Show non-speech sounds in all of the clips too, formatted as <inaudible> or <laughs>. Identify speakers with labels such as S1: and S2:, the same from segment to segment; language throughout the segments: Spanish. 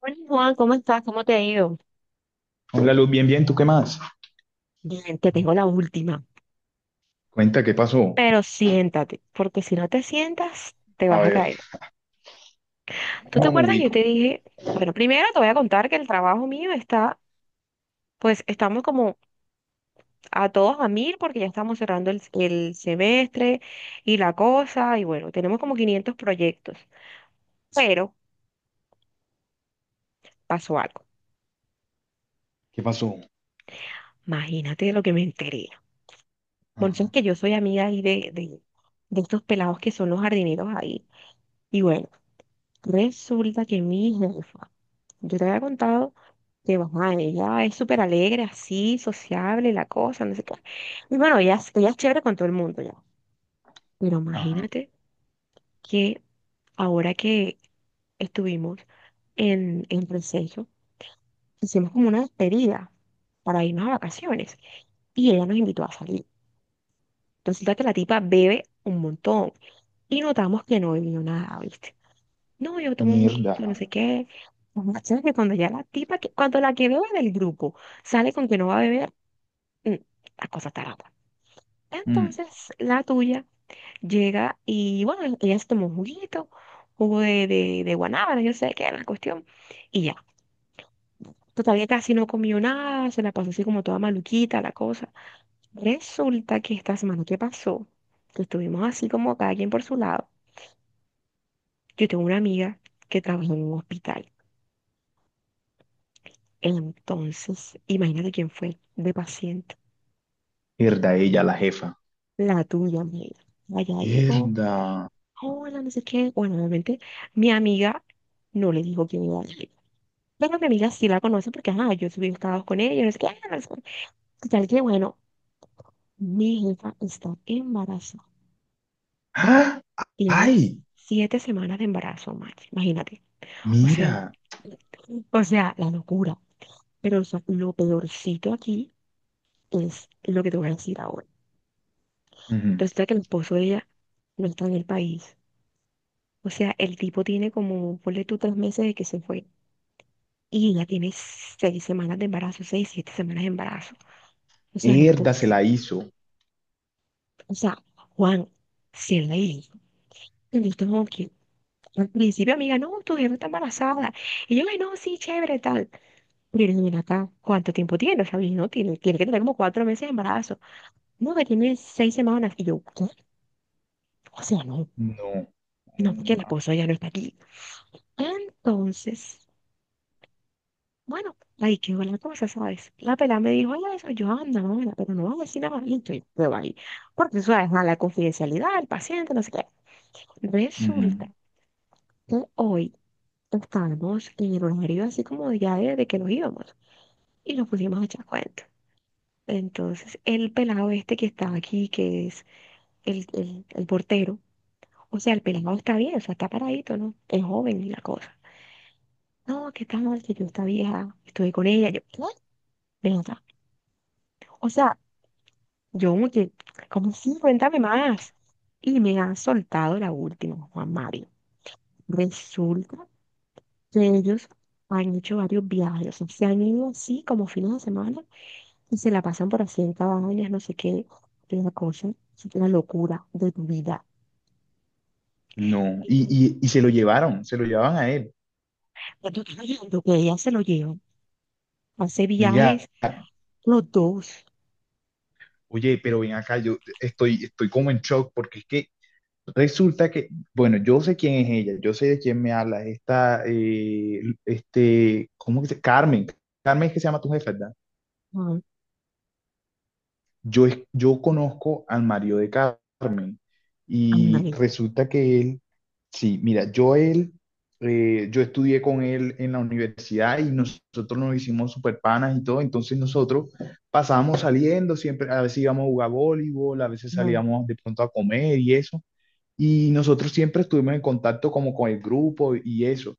S1: Hola Juan, ¿cómo estás? ¿Cómo te ha ido?
S2: Hola Luz, bien, bien, ¿tú qué más?
S1: Bien, te tengo la última.
S2: Cuenta, ¿qué pasó?
S1: Pero siéntate, porque si no te sientas, te
S2: A
S1: vas a
S2: ver,
S1: caer. ¿Tú te
S2: no me
S1: acuerdas? Yo
S2: ubico.
S1: te dije, bueno, primero te voy a contar que el trabajo mío está, pues estamos como a todos a mil porque ya estamos cerrando el semestre y la cosa, y bueno, tenemos como 500 proyectos. Pero pasó algo.
S2: ¿Qué pasó?
S1: Imagínate lo que me enteré. Bueno, sabes
S2: Ajá,
S1: que yo soy amiga ahí de estos pelados que son los jardineros ahí. Y bueno. Resulta que mi jefa yo te había contado que mamá, ella es súper alegre, así, sociable, la cosa, no sé qué. Y bueno, ella, ella es chévere con todo el mundo ya. Pero
S2: ajá.
S1: imagínate que ahora que estuvimos en Receso, hicimos como una despedida para irnos a vacaciones. Y ella nos invitó a salir. Resulta que la tipa bebe un montón. Y notamos que no bebió nada, ¿viste? No, yo tomo un poquito, no
S2: Mierda.
S1: sé qué. Lo más chévere que cuando ya la tipa, que, cuando la que bebe del grupo sale con que no va a beber, mm, la cosa está rota.
S2: Mm,
S1: Entonces la tuya llega y bueno, ella se tomó un juguito, jugo de guanábana, yo sé qué era la cuestión, y ya. Todavía casi no comió nada, se la pasó así como toda maluquita la cosa. Resulta que esta semana que pasó, que estuvimos así como cada quien por su lado, yo tengo una amiga que trabaja en un hospital. Entonces, imagínate quién fue de paciente,
S2: Mierda, ella, la jefa.
S1: la tuya, amiga. Allá llegó
S2: Mierda.
S1: hola, no sé qué. Bueno, obviamente mi amiga no le dijo que me iba a ir. Pero mi amiga sí la conoce porque, ajá, yo subí estados con ella, no sé qué. Ah, no sé qué. Total que, bueno, mi jefa está embarazada.
S2: ¡Ah!
S1: Tienes
S2: ¡Ay!
S1: 7 semanas de embarazo, Max, imagínate. O sea,
S2: Mira.
S1: o sea, la locura. Pero o sea, lo peorcito aquí es lo que te voy a decir ahora.
S2: Ujú.
S1: Resulta que el esposo de ella no está en el país. O sea, el tipo tiene como, ponle tú 3 meses de que se fue. Y ya tiene 6 semanas de embarazo, 6, 7 semanas de embarazo. O sea, no es
S2: Mierda, se la
S1: posible.
S2: hizo.
S1: O sea, Juan, si él le dijo, él como que al principio, amiga, no, tu jefa está embarazada. Y yo, ay, no, sí, chévere, tal. Pero mira acá, ¿cuánto tiempo tiene? O sea, y no, tiene que tener como 4 meses de embarazo. No, que tiene seis semanas. Y yo, ¿qué? O sea, no,
S2: No.
S1: no, porque el esposo ya no está aquí. Ah, entonces, bueno, ahí quedó la cosa, ¿sabes? La pelada me dijo, oye, eso, yo anda, mamá, pero no vas a decir nada más, y entonces yo ahí. Porque eso es la confidencialidad del paciente, no sé qué. Resulta
S2: Ujú.
S1: que hoy estábamos en el horario así como ya de que nos íbamos y nos pusimos a echar cuentos. Entonces, el pelado este que está aquí, que es el portero, o sea, el pelado está bien, o sea, está paradito, ¿no? Es joven y la cosa. No, que está mal, que yo esta vieja, estuve con ella, yo, ¿qué? Ven acá. O sea, yo como que, ¿cómo sí? Cuéntame más. Y me han soltado la última, Juan Mario. Resulta que ellos han hecho varios viajes, o sea, se han ido así como fines de semana y se la pasan por así en cabañas, no sé qué, una cosa, es una locura de tu vida.
S2: No. Y,
S1: Y
S2: y, y se lo llevaron, se lo llevaban a él.
S1: cuando estás hablando que ella se lo lleva, hace
S2: Mira,
S1: viajes los dos.
S2: oye, pero ven acá, yo estoy como en shock porque es que resulta que, bueno, yo sé quién es ella, yo sé de quién me habla, esta, este, ¿cómo que se Carmen, Carmen es que se llama tu jefa, ¿verdad?
S1: Ah,
S2: Yo conozco al marido de Carmen y
S1: ándale.
S2: resulta que él, sí, mira, yo estudié con él en la universidad y nosotros nos hicimos super panas y todo, entonces nosotros pasábamos saliendo, siempre, a veces íbamos a jugar voleibol, a veces
S1: Ajá,
S2: salíamos de pronto a comer y eso. Y nosotros siempre estuvimos en contacto como con el grupo y eso.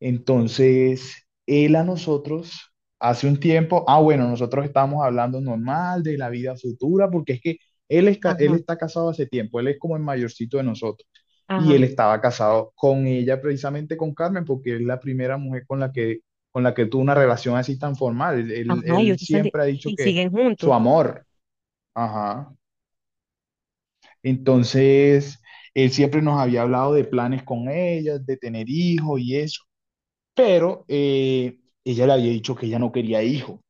S2: Entonces, él a nosotros hace un tiempo, ah, bueno, nosotros estábamos hablando normal de la vida futura, porque es que él, él
S1: ajá,
S2: está casado hace tiempo, él es como el mayorcito de nosotros. Y él
S1: ajá,
S2: estaba casado con ella, precisamente con Carmen, porque es la primera mujer con la que tuvo una relación así tan formal. Él, él
S1: ajá, y,
S2: él siempre ha dicho
S1: y
S2: que
S1: siguen
S2: su
S1: juntos.
S2: amor, ajá. Entonces, él siempre nos había hablado de planes con ella, de tener hijos y eso, pero ella le había dicho que ella no quería hijos.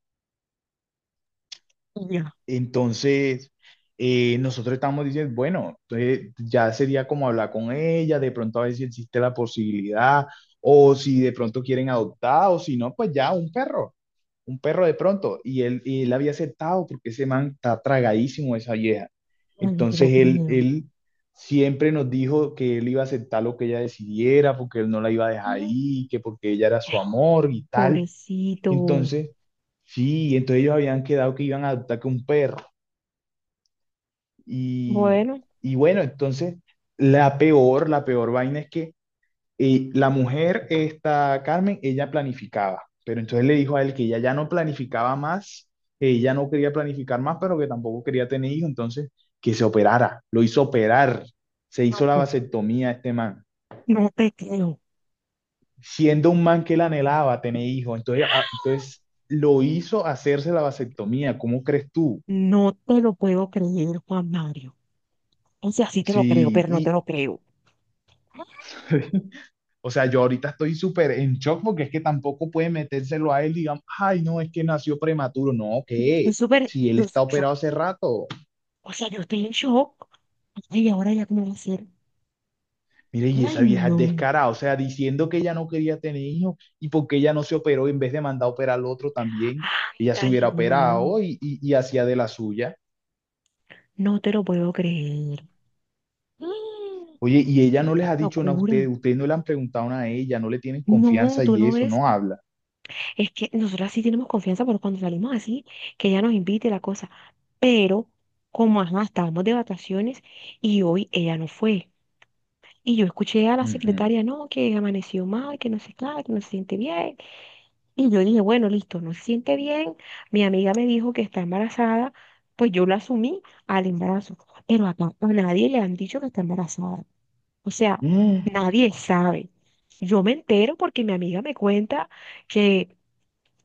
S1: Y ya,
S2: Entonces, nosotros estamos diciendo, bueno, entonces ya sería como hablar con ella, de pronto a ver si existe la posibilidad, o si de pronto quieren adoptar, o si no, pues ya un perro. Un perro de pronto, y él había aceptado porque ese man está tragadísimo de esa vieja.
S1: ay, no te
S2: Entonces
S1: lo
S2: él,
S1: creo.
S2: él siempre nos dijo que él iba a aceptar lo que ella decidiera, porque él no la iba a dejar
S1: Ah.
S2: ahí, que porque ella era su amor y tal.
S1: Pobrecito,
S2: Entonces, sí, entonces ellos habían quedado que iban a adoptar que un perro. Y,
S1: bueno,
S2: y bueno, entonces la peor vaina es que y la mujer, esta Carmen, ella planificaba, pero entonces le dijo a él que ella ya no planificaba más, que ella no quería planificar más, pero que tampoco quería tener hijos, entonces que se operara. Lo hizo operar, se hizo la
S1: no,
S2: vasectomía a este man,
S1: no te creo,
S2: siendo un man que él anhelaba tener hijos, entonces, entonces lo hizo hacerse la vasectomía. ¿Cómo crees tú?
S1: no te lo puedo creer, Juan Mario. O sea, sí te lo creo,
S2: Sí,
S1: pero no te
S2: y
S1: lo creo.
S2: <laughs> o sea, yo ahorita estoy súper en shock porque es que tampoco puede metérselo a él, digamos, ay, no, es que nació prematuro. No,
S1: Yo estoy
S2: ¿qué?
S1: súper,
S2: Si él está operado hace rato.
S1: o sea, yo estoy en shock. Ay, ahora ya cómo va a ser.
S2: Mire, y
S1: Ay,
S2: esa vieja es
S1: no.
S2: descarada, o sea, diciendo que ella no quería tener hijos y porque ella no se operó en vez de mandar a operar al otro también, ella se
S1: Ay,
S2: hubiera
S1: no.
S2: operado y hacía de la suya.
S1: No te lo puedo creer. <gasps>
S2: Oye, y ella no les ha
S1: Mm,
S2: dicho nada a
S1: locura.
S2: ustedes, ustedes no le han preguntado nada a ella, no le tienen
S1: No,
S2: confianza
S1: tú
S2: y
S1: no
S2: eso,
S1: ves.
S2: no habla.
S1: Es que nosotras sí tenemos confianza por cuando salimos así, que ella nos invite la cosa. Pero, como ajá, estábamos de vacaciones y hoy ella no fue. Y yo escuché a la
S2: Ujú. <gasps>
S1: secretaria, no, que amaneció mal, que no sé nada, que no se siente bien. Y yo dije, bueno, listo, no se siente bien. Mi amiga me dijo que está embarazada, pues yo la asumí al embarazo. Pero acá a nadie le han dicho que está embarazada. O sea,
S2: Mm.
S1: nadie sabe. Yo me entero porque mi amiga me cuenta que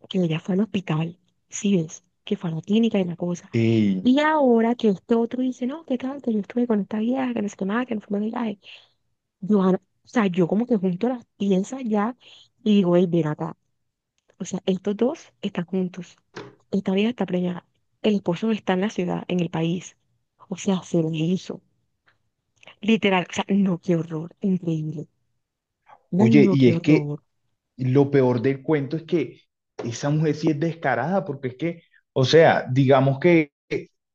S1: que ella fue al hospital, sí ves, que fue a la clínica y la cosa.
S2: Ey,
S1: Y ahora que este otro dice, no, qué tal, que yo estuve con esta vieja, que no sé qué más, que no fue de viaje. Yo, ah, no, o sea, yo como que junto las piezas ya y digo, hey, ven acá. O sea, estos dos están juntos. Esta vieja está preñada. El esposo no está en la ciudad, en el país. O sea, se lo hizo. Literal, o sea, no, qué horror, increíble. Ay,
S2: oye,
S1: no,
S2: y
S1: qué
S2: es que
S1: horror.
S2: Y lo peor del cuento es que esa mujer sí es descarada, porque es que, o sea, digamos que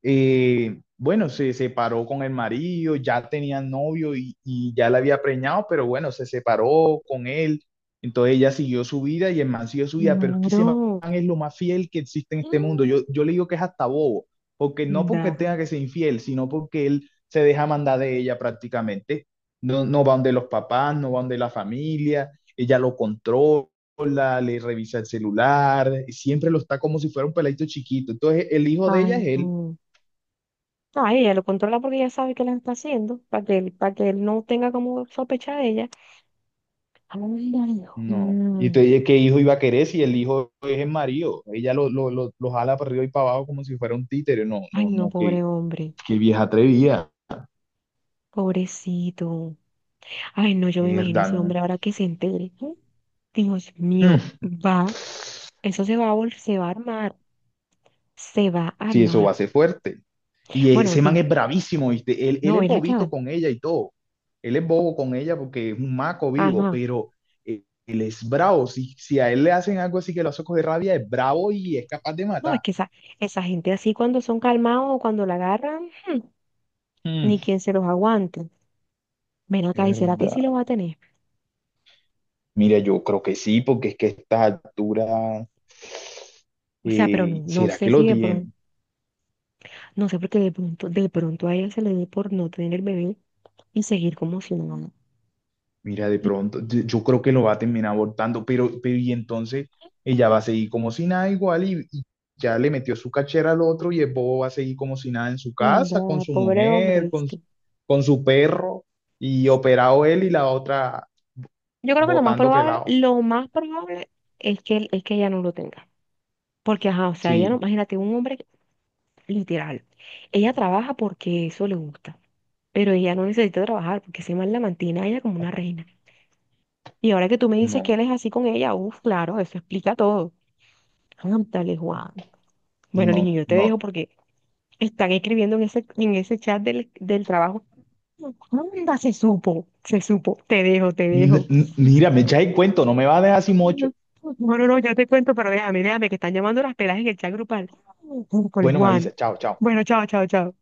S2: bueno, se separó con el marido, ya tenía novio y ya la había preñado, pero bueno, se separó con él. Entonces ella siguió su vida y el man siguió su vida, pero es que ese man
S1: Claro.
S2: es lo más fiel que existe en este mundo. Yo,
S1: <gasps>
S2: yo le digo que es hasta bobo, porque no
S1: Mm,
S2: porque
S1: da.
S2: tenga que ser infiel, sino porque él se deja mandar de ella prácticamente. No, no va donde los papás, no va donde la familia, ella lo controla, le revisa el celular, siempre lo está como si fuera un peladito chiquito. Entonces, el hijo de
S1: Ay,
S2: ella es él.
S1: no. No, ahí ella lo controla porque ella sabe que la está haciendo, para que él no tenga como sospecha de ella. Ay, ay,
S2: No. Y te
S1: Juan.
S2: dije qué hijo iba a querer si el hijo es el marido. Ella lo jala para arriba y para abajo como si fuera un títere. No,
S1: Ay,
S2: no,
S1: no,
S2: no, qué,
S1: pobre hombre,
S2: qué vieja atrevida.
S1: pobrecito. Ay, no, yo me imagino
S2: Mierda,
S1: ese hombre
S2: no.
S1: ahora que se entere, ¿eh? Dios mío,
S2: Mm,
S1: va, eso se va a armar, se va a
S2: sí, eso va
S1: armar.
S2: a ser fuerte. Y
S1: Bueno,
S2: ese man
S1: di,
S2: es bravísimo, ¿viste? Él
S1: no,
S2: es
S1: ven
S2: bobito
S1: acá.
S2: con ella y todo. Él es bobo con ella porque es un maco vivo,
S1: Ajá.
S2: pero él es bravo. Si, si a él le hacen algo así que lo hace coger rabia, es bravo y es capaz de
S1: No, es
S2: matar.
S1: que esa gente así cuando son calmados o cuando la agarran,
S2: Mm,
S1: ni quien se los aguante. Ven acá, ¿y será que sí lo
S2: mierda.
S1: va a tener?
S2: Mira, yo creo que sí, porque es que a estas alturas,
S1: O sea, pero no, no
S2: ¿será
S1: sé
S2: que lo
S1: si de pronto.
S2: tiene?
S1: No sé por qué de pronto a ella se le dio por no tener el bebé y seguir como si nada.
S2: Mira, de
S1: Y,
S2: pronto, yo creo que lo va a terminar abortando, pero y entonces ella va a seguir como si nada igual y ya le metió su cachera al otro y el bobo va a seguir como si nada en su
S1: mm,
S2: casa, con
S1: da,
S2: su
S1: pobre hombre,
S2: mujer,
S1: ¿viste?
S2: con su perro y operado él y la otra
S1: Yo creo que
S2: botando pelado.
S1: lo más probable es que, es que ella no lo tenga. Porque, ajá, o sea, ella no,
S2: Sí,
S1: imagínate, un hombre que- literal. Ella trabaja porque eso le gusta, pero ella no necesita trabajar porque se mal la mantiene a ella como una reina. Y ahora que tú me dices que él
S2: no,
S1: es así con ella, uff, claro, eso explica todo. Ándale, Juan. Bueno,
S2: no,
S1: niño, yo te dejo
S2: no.
S1: porque están escribiendo en ese chat del trabajo. Anda, se supo, se supo. Te dejo, te
S2: N-
S1: dejo.
S2: n- mira, me echa el cuento, no me va a dejar así mocho.
S1: No, no, yo te cuento, pero déjame, déjame, que están llamando las pelas en el chat grupal. Miércoles,
S2: Bueno, me
S1: Juan.
S2: avisa, chao, chao.
S1: Bueno, chao, chao, chao.